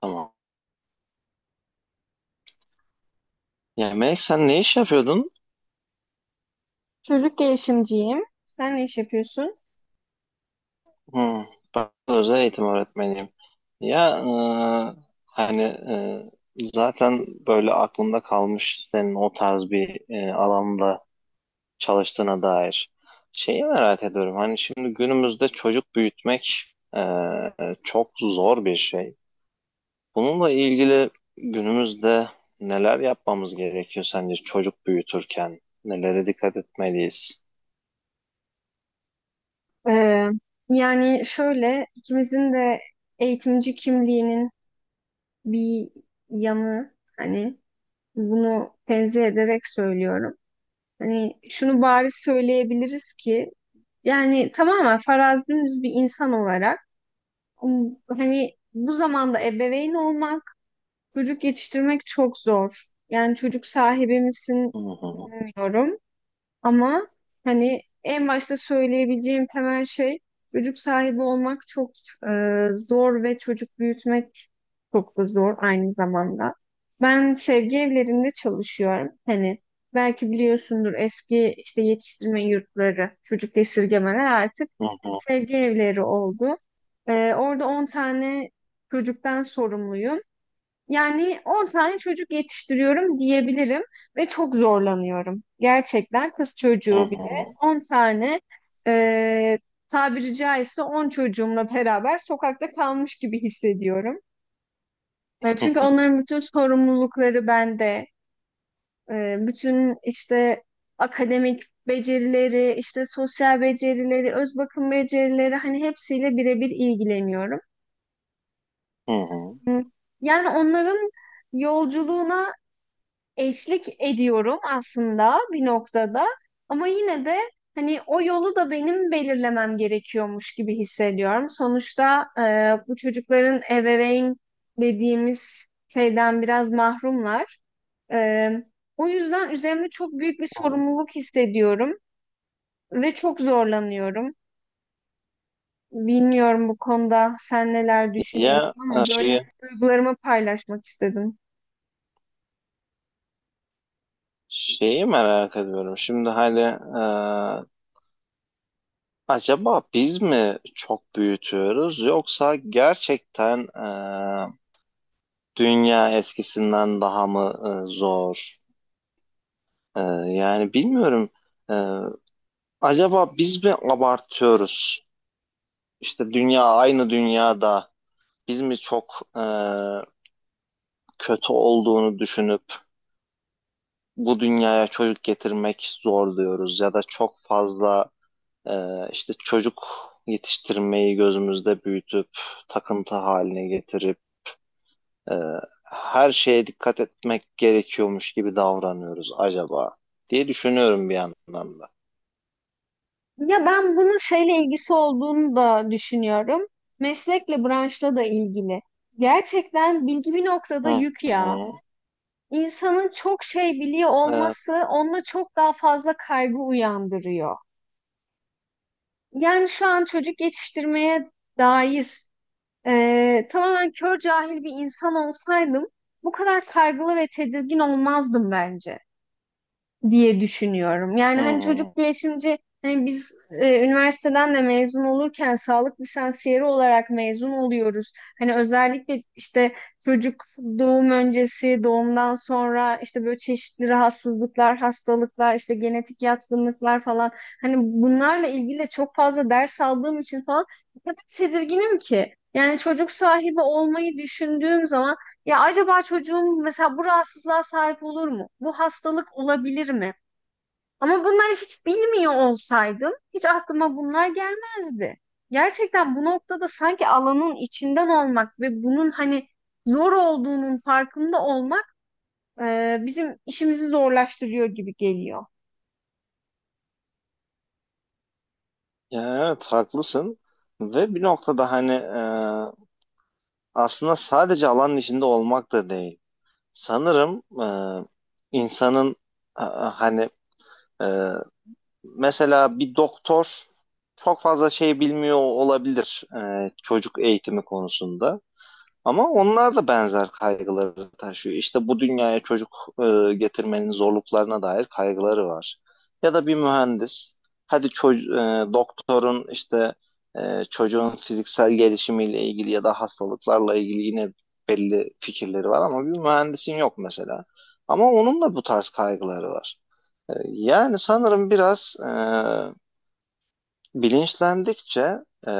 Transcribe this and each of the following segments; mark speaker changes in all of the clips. Speaker 1: Tamam. Ya Melek sen ne iş yapıyordun?
Speaker 2: Çocuk gelişimciyim. Sen ne iş yapıyorsun?
Speaker 1: Hmm, ben özel eğitim öğretmeniyim. Ya hani zaten böyle aklımda kalmış senin o tarz bir alanda çalıştığına dair. Şeyi merak ediyorum. Hani şimdi günümüzde çocuk büyütmek e, çok zor bir şey. Bununla ilgili günümüzde neler yapmamız gerekiyor sence çocuk büyütürken? Nelere dikkat etmeliyiz?
Speaker 2: Ee, Yani şöyle ikimizin de eğitimci kimliğinin bir yanı hani bunu tenzih ederek söylüyorum. Hani şunu bariz söyleyebiliriz ki yani tamamen farazdümüz bir insan olarak hani bu zamanda ebeveyn olmak, çocuk yetiştirmek çok zor. Yani çocuk sahibi misin
Speaker 1: Hı hı,
Speaker 2: bilmiyorum. Ama hani en başta söyleyebileceğim temel şey çocuk sahibi olmak çok zor ve çocuk büyütmek çok da zor aynı zamanda. Ben sevgi evlerinde çalışıyorum. Hani belki biliyorsundur eski işte yetiştirme yurtları, çocuk esirgemeler artık
Speaker 1: hı hı,
Speaker 2: sevgi evleri oldu. Orada 10 tane çocuktan sorumluyum. Yani 10 tane çocuk yetiştiriyorum diyebilirim ve çok zorlanıyorum. Gerçekten kız
Speaker 1: hı
Speaker 2: çocuğu bir de
Speaker 1: hı.
Speaker 2: 10 tane e, tabiri caizse 10 çocuğumla beraber sokakta kalmış gibi hissediyorum.
Speaker 1: Hı
Speaker 2: Çünkü
Speaker 1: hı,
Speaker 2: onların bütün sorumlulukları bende. Bütün işte akademik becerileri, işte sosyal becerileri, öz bakım becerileri hani hepsiyle birebir ilgileniyorum.
Speaker 1: hı hı.
Speaker 2: Yani onların yolculuğuna eşlik ediyorum aslında bir noktada ama yine de hani o yolu da benim belirlemem gerekiyormuş gibi hissediyorum. Sonuçta bu çocukların ebeveyn dediğimiz şeyden biraz mahrumlar. E, O yüzden üzerimde çok büyük bir sorumluluk hissediyorum ve çok zorlanıyorum. Bilmiyorum bu konuda sen neler
Speaker 1: Ya
Speaker 2: düşünüyorsun
Speaker 1: e,
Speaker 2: ama böyle
Speaker 1: şeyi,
Speaker 2: duygularımı paylaşmak istedim.
Speaker 1: şeyi merak ediyorum. Şimdi hani acaba biz mi çok büyütüyoruz yoksa gerçekten e, dünya eskisinden daha mı zor? Yani bilmiyorum. E, acaba biz mi abartıyoruz? İşte dünya aynı dünyada biz mi çok kötü olduğunu düşünüp bu dünyaya çocuk getirmek zor diyoruz ya da çok fazla işte çocuk yetiştirmeyi gözümüzde büyütüp takıntı haline getirip e, her şeye dikkat etmek gerekiyormuş gibi davranıyoruz acaba diye düşünüyorum bir yandan da.
Speaker 2: Ya ben bunun şeyle ilgisi olduğunu da düşünüyorum. Meslekle, branşla da ilgili. Gerçekten bilgi bir noktada
Speaker 1: Hı
Speaker 2: yük ya.
Speaker 1: hı.
Speaker 2: İnsanın çok şey biliyor
Speaker 1: Evet.
Speaker 2: olması onda çok daha fazla kaygı uyandırıyor. Yani şu an çocuk yetiştirmeye dair tamamen kör cahil bir insan olsaydım bu kadar kaygılı ve tedirgin olmazdım bence, diye düşünüyorum. Yani
Speaker 1: Hı
Speaker 2: hani
Speaker 1: hı.
Speaker 2: çocuk bilişimci hani biz üniversiteden de mezun olurken sağlık lisansiyeri olarak mezun oluyoruz. Hani özellikle işte çocuk doğum öncesi, doğumdan sonra işte böyle çeşitli rahatsızlıklar, hastalıklar, işte genetik yatkınlıklar falan hani bunlarla ilgili de çok fazla ders aldığım için falan o kadar tedirginim ki. Yani çocuk sahibi olmayı düşündüğüm zaman ya acaba çocuğum mesela bu rahatsızlığa sahip olur mu? Bu hastalık olabilir mi? Ama bunları hiç bilmiyor olsaydım hiç aklıma bunlar gelmezdi. Gerçekten bu noktada sanki alanın içinden olmak ve bunun hani zor olduğunun farkında olmak bizim işimizi zorlaştırıyor gibi geliyor.
Speaker 1: Ya evet, haklısın ve bir noktada hani aslında sadece alanın içinde olmak da değil. Sanırım insanın e, hani e, mesela bir doktor çok fazla şey bilmiyor olabilir çocuk eğitimi konusunda. Ama onlar da benzer kaygıları taşıyor. İşte bu dünyaya çocuk getirmenin zorluklarına dair kaygıları var. Ya da bir mühendis, hadi doktorun işte çocuğun fiziksel gelişimiyle ilgili ya da hastalıklarla ilgili yine belli fikirleri var ama bir mühendisin yok mesela. Ama onun da bu tarz kaygıları var. Yani sanırım biraz bilinçlendikçe e,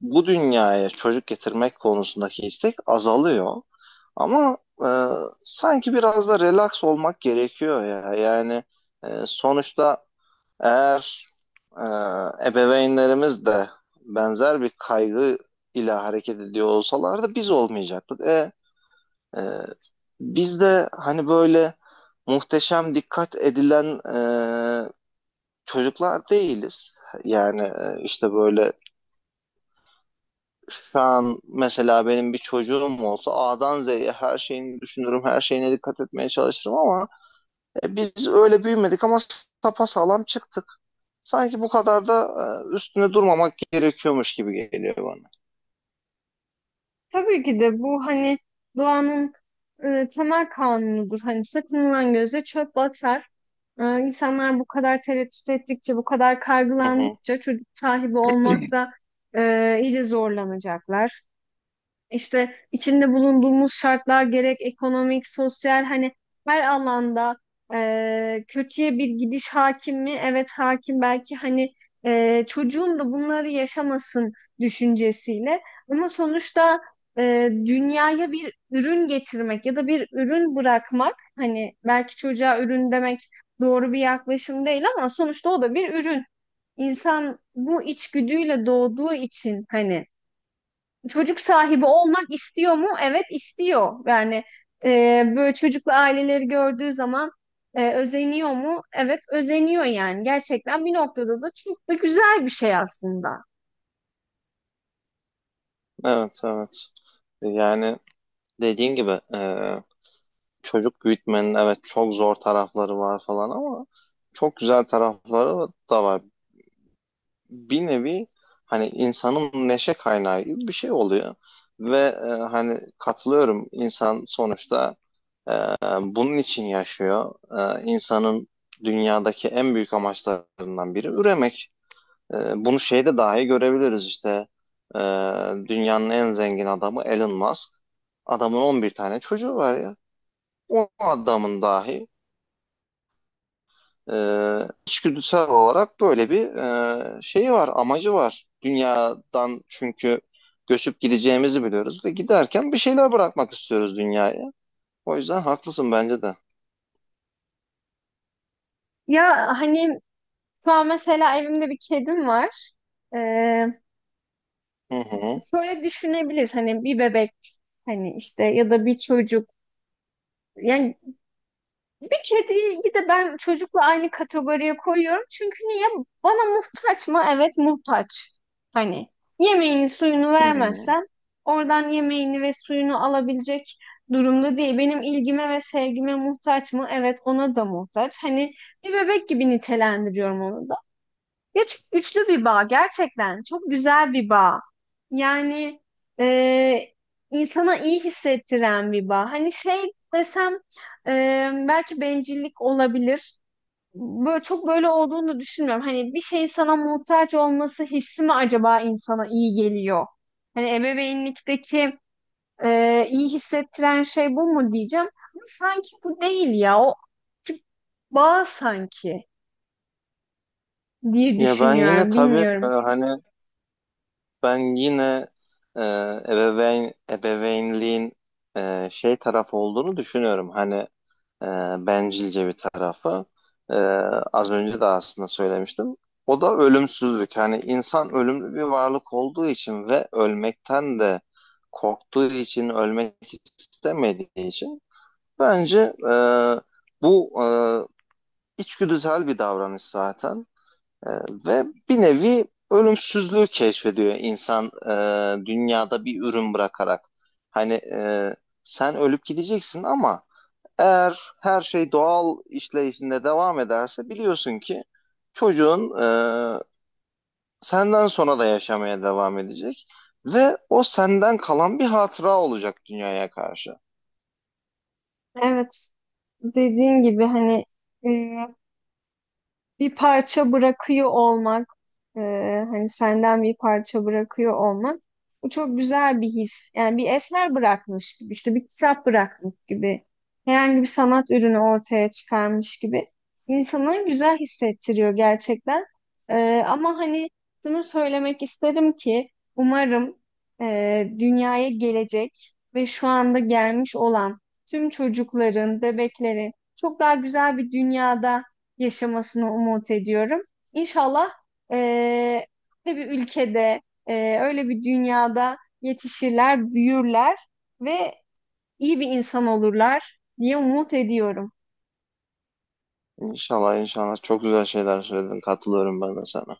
Speaker 1: bu dünyaya çocuk getirmek konusundaki istek azalıyor. Ama e, sanki biraz da relax olmak gerekiyor ya. Yani sonuçta eğer e, ebeveynlerimiz de benzer bir kaygı ile hareket ediyor olsalardı biz olmayacaktık. E, biz de hani böyle muhteşem dikkat edilen çocuklar değiliz. Yani işte böyle şu an mesela benim bir çocuğum olsa A'dan Z'ye her şeyini düşünürüm, her şeyine dikkat etmeye çalışırım ama biz öyle büyümedik ama sapasağlam çıktık. Sanki bu kadar da üstüne durmamak gerekiyormuş gibi geliyor bana.
Speaker 2: Tabii ki de bu hani doğanın temel kanunudur. Hani sakınılan göze çöp batar. İnsanlar bu kadar tereddüt ettikçe, bu kadar
Speaker 1: Hı hı.
Speaker 2: kaygılandıkça çocuk sahibi olmakta iyice zorlanacaklar. İşte içinde bulunduğumuz şartlar gerek ekonomik, sosyal hani her alanda kötüye bir gidiş hakim mi? Evet hakim belki hani çocuğun da bunları yaşamasın düşüncesiyle ama sonuçta dünyaya bir ürün getirmek ya da bir ürün bırakmak hani belki çocuğa ürün demek doğru bir yaklaşım değil ama sonuçta o da bir ürün. İnsan bu içgüdüyle doğduğu için hani çocuk sahibi olmak istiyor mu? Evet istiyor. Yani böyle çocuklu aileleri gördüğü zaman özeniyor mu? Evet özeniyor yani. Gerçekten bir noktada da çok da güzel bir şey aslında.
Speaker 1: Evet, evet. Yani dediğin gibi çocuk büyütmenin evet çok zor tarafları var falan ama çok güzel tarafları da var. Bir nevi hani insanın neşe kaynağı gibi bir şey oluyor. Ve hani katılıyorum, insan sonuçta e, bunun için yaşıyor. İnsanın dünyadaki en büyük amaçlarından biri üremek. Bunu şeyde dahi görebiliriz işte. E, dünyanın en zengin adamı Elon Musk. Adamın 11 tane çocuğu var ya. O adamın dahi içgüdüsel olarak böyle bir şeyi var, amacı var. Dünyadan çünkü göçüp gideceğimizi biliyoruz ve giderken bir şeyler bırakmak istiyoruz dünyaya. O yüzden haklısın bence de.
Speaker 2: Ya hani şu an mesela evimde bir kedim var. E,
Speaker 1: Hı hı.
Speaker 2: Şöyle düşünebiliriz hani bir bebek hani işte ya da bir çocuk. Yani bir kediyi de ben çocukla aynı kategoriye koyuyorum. Çünkü niye? Bana muhtaç mı? Evet muhtaç. Hani yemeğini suyunu
Speaker 1: Hı hı.
Speaker 2: vermezsem oradan yemeğini ve suyunu alabilecek durumda değil. Benim ilgime ve sevgime muhtaç mı? Evet ona da muhtaç. Hani bir bebek gibi nitelendiriyorum onu da. Üçlü bir bağ gerçekten çok güzel bir bağ. Yani e, insana iyi hissettiren bir bağ. Hani şey desem e, belki bencillik olabilir. Böyle çok böyle olduğunu düşünmüyorum. Hani bir şeyin sana muhtaç olması hissi mi acaba insana iyi geliyor? Hani ebeveynlikteki iyi hissettiren şey bu mu diyeceğim. Ama sanki bu değil ya. O bağ sanki diye
Speaker 1: Ya
Speaker 2: düşünüyorum.
Speaker 1: e,
Speaker 2: Bilmiyorum.
Speaker 1: hani ben yine e, ebeveynliğin şey tarafı olduğunu düşünüyorum. Hani e, bencilce bir tarafı. E, az önce de aslında söylemiştim. O da ölümsüzlük. Hani insan ölümlü bir varlık olduğu için ve ölmekten de korktuğu için, ölmek istemediği için bence bu içgüdüsel bir davranış zaten. E, ve bir nevi ölümsüzlüğü keşfediyor insan dünyada bir ürün bırakarak. Hani sen ölüp gideceksin ama eğer her şey doğal işleyişinde devam ederse biliyorsun ki çocuğun e, senden sonra da yaşamaya devam edecek ve o senden kalan bir hatıra olacak dünyaya karşı.
Speaker 2: Evet. Dediğin gibi hani e, bir parça bırakıyor olmak, e, hani senden bir parça bırakıyor olmak, bu çok güzel bir his. Yani bir eser bırakmış gibi, işte bir kitap bırakmış gibi, herhangi bir sanat ürünü ortaya çıkarmış gibi insanı güzel hissettiriyor gerçekten. Ama hani şunu söylemek isterim ki umarım dünyaya gelecek ve şu anda gelmiş olan tüm çocukların, bebeklerin çok daha güzel bir dünyada yaşamasını umut ediyorum. İnşallah eee, öyle bir ülkede, öyle bir dünyada yetişirler, büyürler ve iyi bir insan olurlar diye umut ediyorum.
Speaker 1: İnşallah, inşallah çok güzel şeyler söyledin. Katılıyorum ben de sana.